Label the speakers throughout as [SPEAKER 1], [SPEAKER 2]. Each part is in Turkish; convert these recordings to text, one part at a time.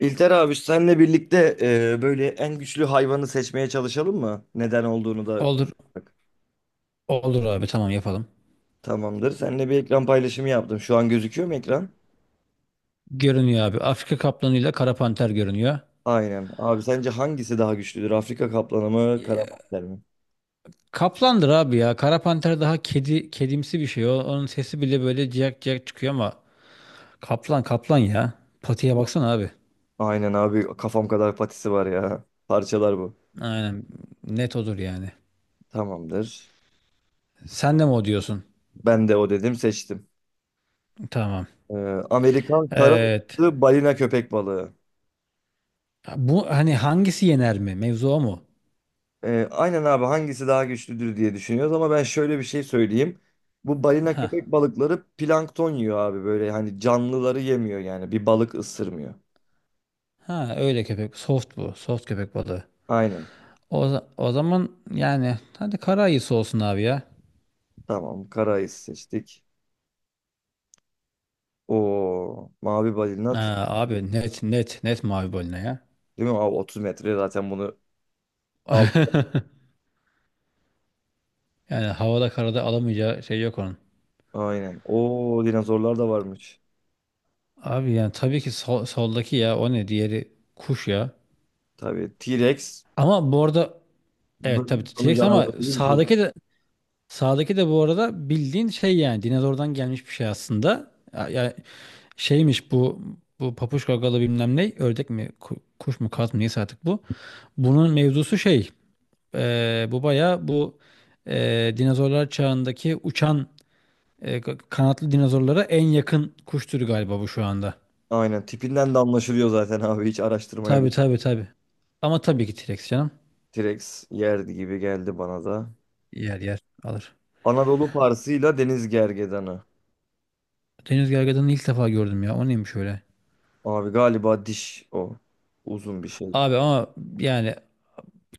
[SPEAKER 1] İlter abi senle birlikte böyle en güçlü hayvanı seçmeye çalışalım mı? Neden olduğunu da
[SPEAKER 2] Olur,
[SPEAKER 1] bak,
[SPEAKER 2] olur abi tamam yapalım.
[SPEAKER 1] tamamdır. Seninle bir ekran paylaşımı yaptım. Şu an gözüküyor mu ekran?
[SPEAKER 2] Görünüyor abi. Afrika kaplanıyla kara panter görünüyor.
[SPEAKER 1] Aynen. Abi sence hangisi daha güçlüdür? Afrika kaplanı mı, karamanlar mı?
[SPEAKER 2] Kaplandır abi ya. Kara panter daha kedi kedimsi bir şey. O, onun sesi bile böyle ciyak ciyak çıkıyor ama kaplan kaplan ya. Patiye baksana abi.
[SPEAKER 1] Aynen abi kafam kadar patisi var ya. Parçalar bu.
[SPEAKER 2] Aynen. Net odur yani.
[SPEAKER 1] Tamamdır.
[SPEAKER 2] Sen de mi o diyorsun?
[SPEAKER 1] Ben de o dedim, seçtim.
[SPEAKER 2] Tamam.
[SPEAKER 1] E, Amerikan kara
[SPEAKER 2] Evet.
[SPEAKER 1] balığı, balina köpek balığı.
[SPEAKER 2] Bu hani hangisi yener mi? Mevzu o mu?
[SPEAKER 1] Aynen abi hangisi daha güçlüdür diye düşünüyoruz ama ben şöyle bir şey söyleyeyim. Bu balina
[SPEAKER 2] Ha.
[SPEAKER 1] köpek balıkları plankton yiyor abi, böyle hani canlıları yemiyor yani, bir balık ısırmıyor.
[SPEAKER 2] Ha öyle köpek. Soft bu. Soft köpek balığı.
[SPEAKER 1] Aynen.
[SPEAKER 2] O zaman yani hadi kara ayısı olsun abi ya.
[SPEAKER 1] Tamam, karayı seçtik. O mavi balina
[SPEAKER 2] Ha,
[SPEAKER 1] tut,
[SPEAKER 2] abi net net net mavi balina ya.
[SPEAKER 1] değil mi abi? 30 metre zaten, bunu al.
[SPEAKER 2] Yani havada karada alamayacağı şey yok onun.
[SPEAKER 1] Aynen. O dinozorlar da varmış.
[SPEAKER 2] Abi yani tabii ki soldaki ya o ne diğeri kuş ya.
[SPEAKER 1] Tabii T-Rex
[SPEAKER 2] Ama bu arada evet tabii
[SPEAKER 1] bölüm sonu
[SPEAKER 2] T-Rex ama
[SPEAKER 1] canavarı gibi bir şey.
[SPEAKER 2] sağdaki de bu arada bildiğin şey yani dinozordan gelmiş bir şey aslında. Ya, şeymiş bu bu papuç gagalı bilmem ne ördek mi kuş mu kaz mı neyse artık bu. Bunun mevzusu şey bu baya bu dinozorlar çağındaki uçan E, kanatlı dinozorlara en yakın kuş türü galiba bu şu anda.
[SPEAKER 1] Aynen tipinden de anlaşılıyor zaten abi hiç araştırmaya bir
[SPEAKER 2] Tabii tabii tabii. Ama tabii ki T-Rex canım.
[SPEAKER 1] T-Rex yerdi gibi geldi bana da.
[SPEAKER 2] Yer yer alır.
[SPEAKER 1] Anadolu Parsı'yla Deniz Gergedanı.
[SPEAKER 2] Deniz gergedanını ilk defa gördüm ya. O neymiş öyle?
[SPEAKER 1] Abi galiba diş o. Uzun bir şey.
[SPEAKER 2] Abi ama yani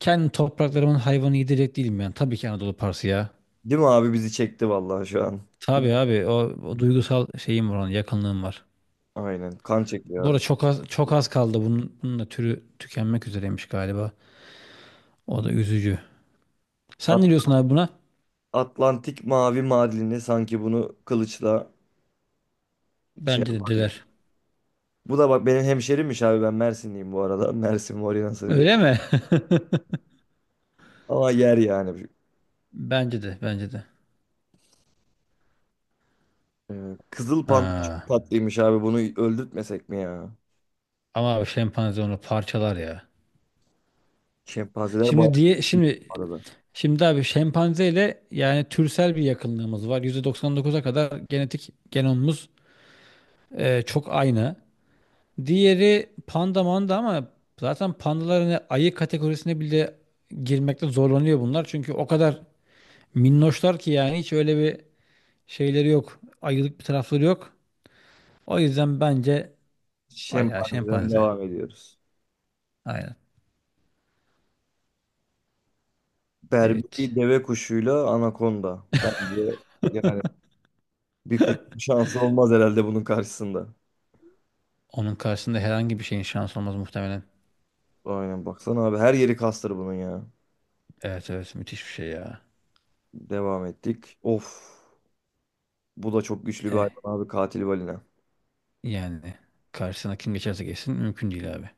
[SPEAKER 2] kendi topraklarımın hayvanı yedirecek değilim yani. Tabii ki Anadolu Parsı ya.
[SPEAKER 1] Değil mi abi, bizi çekti vallahi şu an.
[SPEAKER 2] Tabii abi o, o duygusal şeyim var onun yakınlığım var.
[SPEAKER 1] Aynen, kan çekiyor
[SPEAKER 2] Bu
[SPEAKER 1] abi.
[SPEAKER 2] arada çok az, çok az kaldı. Bunun, bunun da türü tükenmek üzereymiş galiba. O da üzücü. Sen ne
[SPEAKER 1] At-
[SPEAKER 2] diyorsun abi buna?
[SPEAKER 1] Atlantik mavi madalini sanki bunu kılıçla şey
[SPEAKER 2] Bence de
[SPEAKER 1] yapar gibi.
[SPEAKER 2] diler.
[SPEAKER 1] Bu da bak benim hemşerimmiş abi, ben Mersinliyim bu arada. Mersin Morina sarıyor.
[SPEAKER 2] Öyle mi?
[SPEAKER 1] Ama yer yani.
[SPEAKER 2] Bence de, bence de.
[SPEAKER 1] Kızıl panda çok
[SPEAKER 2] Ha.
[SPEAKER 1] tatlıymış abi, bunu öldürtmesek mi ya?
[SPEAKER 2] Ama abi şempanze onu parçalar ya.
[SPEAKER 1] Şempanzeler bayağı
[SPEAKER 2] Şimdi diye
[SPEAKER 1] iyi bu
[SPEAKER 2] şimdi
[SPEAKER 1] arada.
[SPEAKER 2] şimdi abi şempanzeyle yani türsel bir yakınlığımız var. %99'a kadar genetik genomumuz çok aynı. Diğeri panda manda ama zaten pandalar hani ayı kategorisine bile girmekte zorlanıyor bunlar. Çünkü o kadar minnoşlar ki yani hiç öyle bir şeyleri yok. Ayılık bir tarafları yok. O yüzden bence o ya
[SPEAKER 1] Şempanzeden
[SPEAKER 2] şempanze.
[SPEAKER 1] devam ediyoruz.
[SPEAKER 2] Aynen. Evet.
[SPEAKER 1] Berberi deve kuşuyla anakonda. Bence yani bir kuş şansı olmaz herhalde bunun karşısında.
[SPEAKER 2] Onun karşısında herhangi bir şeyin şansı olmaz muhtemelen.
[SPEAKER 1] Aynen baksana abi, her yeri kastır bunun ya.
[SPEAKER 2] Evet evet müthiş bir şey ya.
[SPEAKER 1] Devam ettik. Of, bu da çok güçlü bir hayvan
[SPEAKER 2] Eh,
[SPEAKER 1] abi, katil balina.
[SPEAKER 2] yani karşısına kim geçerse geçsin mümkün değil abi.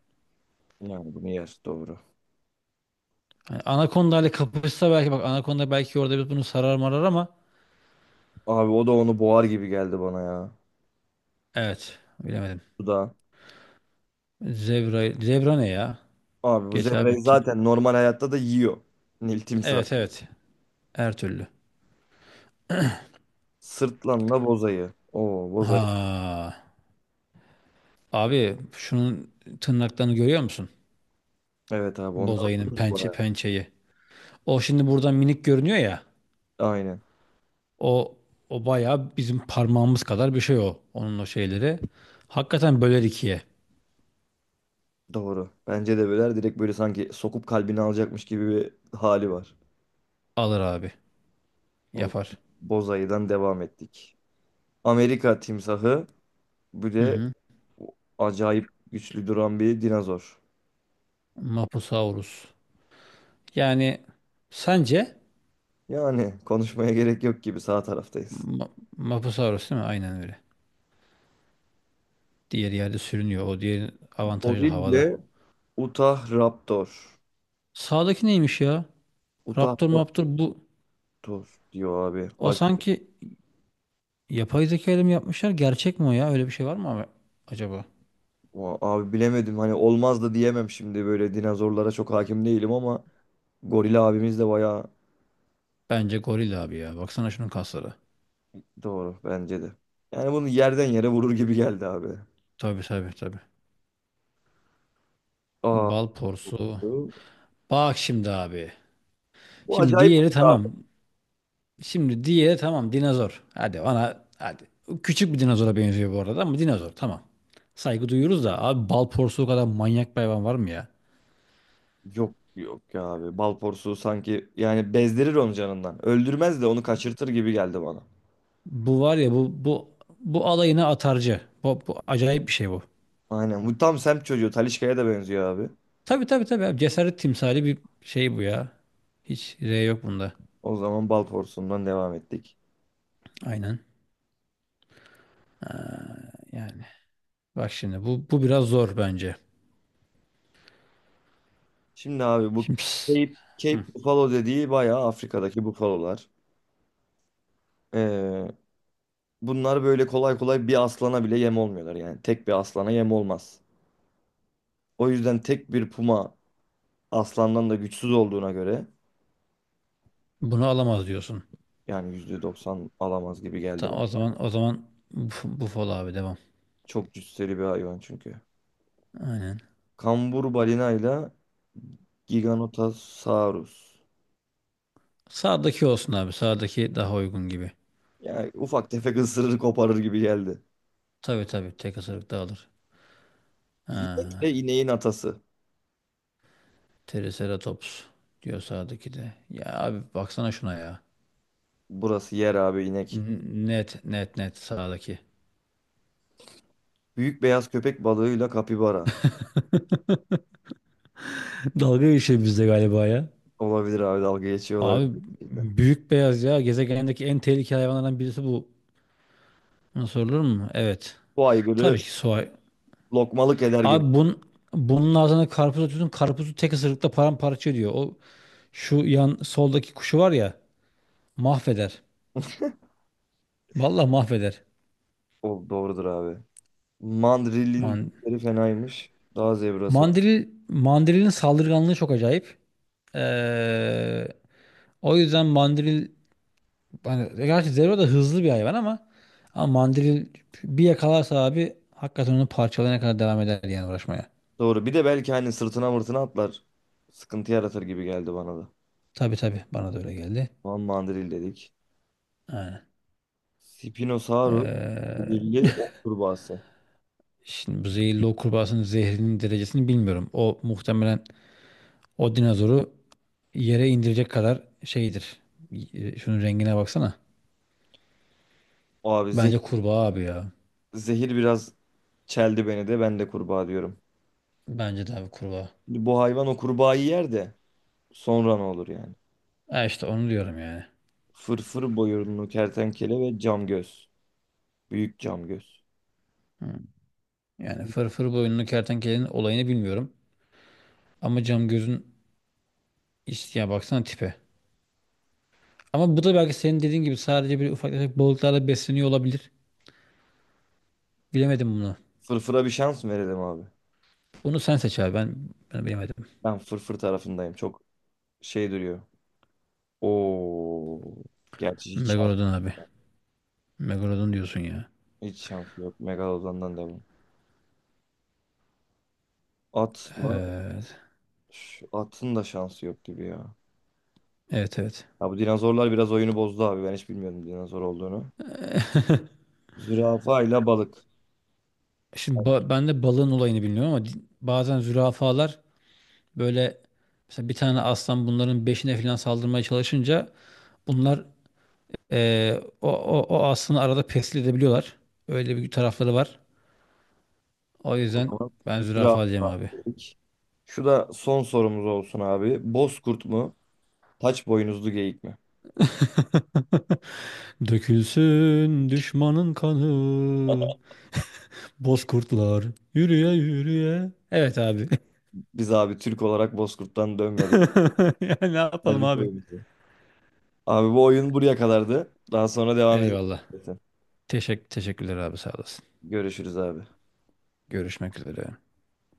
[SPEAKER 1] Yani bunu yer, doğru.
[SPEAKER 2] Hani Anaconda ile kapışsa belki bak Anaconda belki orada biz bunu sarar marar ama
[SPEAKER 1] Abi o da onu boğar gibi geldi bana ya.
[SPEAKER 2] evet bilemedim.
[SPEAKER 1] Bu da.
[SPEAKER 2] Zebra, zebra ne ya?
[SPEAKER 1] Abi bu
[SPEAKER 2] Geç
[SPEAKER 1] zebrayı
[SPEAKER 2] abi tim.
[SPEAKER 1] zaten normal hayatta da yiyor. Nil timsah.
[SPEAKER 2] Evet evet her türlü.
[SPEAKER 1] Sırtlanla bozayı. Oo,
[SPEAKER 2] Ha
[SPEAKER 1] bozayı.
[SPEAKER 2] abi şunun tırnaklarını görüyor musun?
[SPEAKER 1] Evet abi, onlar
[SPEAKER 2] Bozayının
[SPEAKER 1] ucuz bu
[SPEAKER 2] pençe
[SPEAKER 1] arada.
[SPEAKER 2] pençeyi. O şimdi buradan minik görünüyor ya.
[SPEAKER 1] Aynen.
[SPEAKER 2] O o bayağı bizim parmağımız kadar bir şey o. Onun o şeyleri. Hakikaten böler ikiye.
[SPEAKER 1] Doğru. Bence de böyle direkt böyle sanki sokup kalbini alacakmış gibi bir hali var.
[SPEAKER 2] Alır abi.
[SPEAKER 1] O
[SPEAKER 2] Yapar.
[SPEAKER 1] Bozayı'dan devam ettik. Amerika timsahı, bir
[SPEAKER 2] Hı
[SPEAKER 1] de
[SPEAKER 2] hı.
[SPEAKER 1] acayip güçlü duran bir dinozor.
[SPEAKER 2] Mapusaurus. Yani sence
[SPEAKER 1] Yani konuşmaya gerek yok gibi, sağ taraftayız.
[SPEAKER 2] Ma- Mapusaurus değil mi? Aynen öyle. Diğer yerde sürünüyor. O diğer avantajlı havada.
[SPEAKER 1] Gorille Utah Raptor.
[SPEAKER 2] Sağdaki neymiş ya?
[SPEAKER 1] Utah
[SPEAKER 2] Raptor Raptor bu.
[SPEAKER 1] Raptor diyor abi.
[SPEAKER 2] O
[SPEAKER 1] Acayip.
[SPEAKER 2] sanki yapay zeka ile mi yapmışlar? Gerçek mi o ya? Öyle bir şey var mı abi acaba?
[SPEAKER 1] Abi bilemedim, hani olmaz da diyemem şimdi, böyle dinozorlara çok hakim değilim ama goril abimiz de bayağı
[SPEAKER 2] Bence goril abi ya. Baksana şunun kasları.
[SPEAKER 1] doğru, bence de. Yani bunu yerden yere vurur gibi geldi abi.
[SPEAKER 2] Tabii tabii tabii.
[SPEAKER 1] Aa,
[SPEAKER 2] Bal porsu.
[SPEAKER 1] bu
[SPEAKER 2] Bak şimdi abi.
[SPEAKER 1] bu
[SPEAKER 2] Şimdi
[SPEAKER 1] acayip
[SPEAKER 2] diğeri
[SPEAKER 1] oldu abi.
[SPEAKER 2] tamam. Şimdi diğeri tamam dinozor. Hadi bana hadi. Küçük bir dinozora benziyor bu arada ama dinozor tamam. Saygı duyuyoruz da abi bal porsuğu kadar manyak bir hayvan var mı ya?
[SPEAKER 1] Yok yok ya abi. Bal porsuğu sanki yani bezdirir onu canından. Öldürmez de onu kaçırtır gibi geldi bana.
[SPEAKER 2] Bu var ya, bu bu alayına atarcı. Bu, bu acayip bir şey bu.
[SPEAKER 1] Aynen. Bu tam semt çocuğu. Talişka'ya da benziyor abi.
[SPEAKER 2] Tabii tabii tabii abi. Cesaret timsali bir şey bu ya. Hiç R yok bunda.
[SPEAKER 1] O zaman bal porsuğundan devam ettik.
[SPEAKER 2] Aynen yani. Bak şimdi, bu biraz zor bence.
[SPEAKER 1] Şimdi abi bu
[SPEAKER 2] Şimdi pss,
[SPEAKER 1] Cape
[SPEAKER 2] hı,
[SPEAKER 1] Buffalo dediği bayağı Afrika'daki bufalolar. Ee, bunlar böyle kolay kolay bir aslana bile yem olmuyorlar. Yani tek bir aslana yem olmaz. O yüzden tek bir puma, aslandan da güçsüz olduğuna göre
[SPEAKER 2] bunu alamaz diyorsun.
[SPEAKER 1] yani %90 alamaz gibi geldi bana.
[SPEAKER 2] Tamam o zaman o zaman bu, bu fol abi devam.
[SPEAKER 1] Çok cüsseli bir hayvan çünkü.
[SPEAKER 2] Aynen.
[SPEAKER 1] Kambur balina ile Giganotosaurus.
[SPEAKER 2] Sağdaki olsun abi. Sağdaki daha uygun gibi.
[SPEAKER 1] Yani ufak tefek ısırır koparır gibi geldi.
[SPEAKER 2] Tabii tabii. Tek ısırık da alır.
[SPEAKER 1] İnek
[SPEAKER 2] Ha,
[SPEAKER 1] de ineğin atası.
[SPEAKER 2] Triceratops diyor sağdaki de. Ya abi baksana şuna ya.
[SPEAKER 1] Burası yer abi, inek.
[SPEAKER 2] Net net net sağdaki.
[SPEAKER 1] Büyük beyaz köpek balığıyla kapibara.
[SPEAKER 2] Dalga geçiyor bizde galiba ya.
[SPEAKER 1] Olabilir abi, dalga geçiyor
[SPEAKER 2] Abi
[SPEAKER 1] olabilir gerçekten.
[SPEAKER 2] büyük beyaz ya. Gezegendeki en tehlikeli hayvanlardan birisi bu. Buna sorulur mu? Evet.
[SPEAKER 1] Bu
[SPEAKER 2] Tabii
[SPEAKER 1] aygırı
[SPEAKER 2] ki soğan.
[SPEAKER 1] lokmalık eder gibi.
[SPEAKER 2] Abi bun, bunun ağzına karpuz atıyorsun. Karpuzu tek ısırıkta paramparça ediyor. O şu yan soldaki kuşu var ya mahveder. Vallahi mahveder.
[SPEAKER 1] O doğrudur abi. Mandrilin
[SPEAKER 2] Man
[SPEAKER 1] dişleri fenaymış. Daha zebrası
[SPEAKER 2] mandril mandrilin saldırganlığı çok acayip. Ee, o yüzden mandril hani gerçi Zero da hızlı bir hayvan ama ama mandril bir yakalarsa abi hakikaten onu parçalayana kadar devam eder yani uğraşmaya.
[SPEAKER 1] doğru. Bir de belki hani sırtına mırtına atlar. Sıkıntı yaratır gibi geldi bana da.
[SPEAKER 2] Tabii tabii bana da öyle geldi.
[SPEAKER 1] Van Mandril dedik.
[SPEAKER 2] Aynen.
[SPEAKER 1] Spinosaurus.
[SPEAKER 2] Ee,
[SPEAKER 1] Zehirli ok kurbağası.
[SPEAKER 2] şimdi bu zehirli o kurbağasının zehrinin derecesini bilmiyorum. O muhtemelen o dinozoru yere indirecek kadar şeydir. Şunun rengine baksana.
[SPEAKER 1] Abi
[SPEAKER 2] Bence
[SPEAKER 1] zeh-
[SPEAKER 2] kurbağa abi ya.
[SPEAKER 1] zehir biraz çeldi beni de, ben de kurbağa diyorum.
[SPEAKER 2] Bence de abi kurbağa.
[SPEAKER 1] Şimdi bu hayvan o kurbağayı yer de sonra ne olur yani?
[SPEAKER 2] Ha işte onu diyorum yani.
[SPEAKER 1] Fırfır boyunlu kertenkele ve cam göz. Büyük cam göz.
[SPEAKER 2] Yani fırfır boyunlu kertenkelenin olayını bilmiyorum. Ama cam gözün işte ya baksana tipe. Ama bu da belki senin dediğin gibi sadece bir ufak tefek balıklarla besleniyor olabilir. Bilemedim bunu.
[SPEAKER 1] Fırfıra bir şans mı verelim abi?
[SPEAKER 2] Bunu sen seç abi. Ben, ben bilemedim.
[SPEAKER 1] Ben fırfır tarafındayım. Çok şey duruyor. Oo. Gerçi hiç şans,
[SPEAKER 2] Megalodon abi. Megalodon diyorsun ya.
[SPEAKER 1] hiç şansı yok. Megalodon'dan devam. Atla
[SPEAKER 2] Evet.
[SPEAKER 1] Atın da şansı yok gibi ya.
[SPEAKER 2] Evet evet.
[SPEAKER 1] Ya bu dinozorlar biraz oyunu bozdu abi, ben hiç bilmiyordum dinozor olduğunu. Zürafa ile balık.
[SPEAKER 2] Şimdi
[SPEAKER 1] Sert
[SPEAKER 2] ba- ben de balığın olayını bilmiyorum ama bazen zürafalar böyle mesela bir tane aslan bunların beşine falan saldırmaya çalışınca bunlar o aslında arada pestil edebiliyorlar. Öyle bir tarafları var. O
[SPEAKER 1] o
[SPEAKER 2] yüzden
[SPEAKER 1] zaman.
[SPEAKER 2] ben zürafa diyeceğim
[SPEAKER 1] Zürafa
[SPEAKER 2] abi.
[SPEAKER 1] dedik. Şu da son sorumuz olsun abi. Bozkurt mu? Taç boynuzlu geyik mi?
[SPEAKER 2] Dökülsün düşmanın kanı, bozkurtlar yürüye yürüye. Evet abi.
[SPEAKER 1] Biz abi Türk olarak Bozkurt'tan dönmedik.
[SPEAKER 2] Ya ne yapalım
[SPEAKER 1] Verdik
[SPEAKER 2] abi?
[SPEAKER 1] oyunumuzu. Abi bu oyun buraya kadardı. Daha sonra devam edeceğiz.
[SPEAKER 2] Eyvallah. Teşekkürler abi sağ olasın.
[SPEAKER 1] Görüşürüz abi.
[SPEAKER 2] Görüşmek üzere.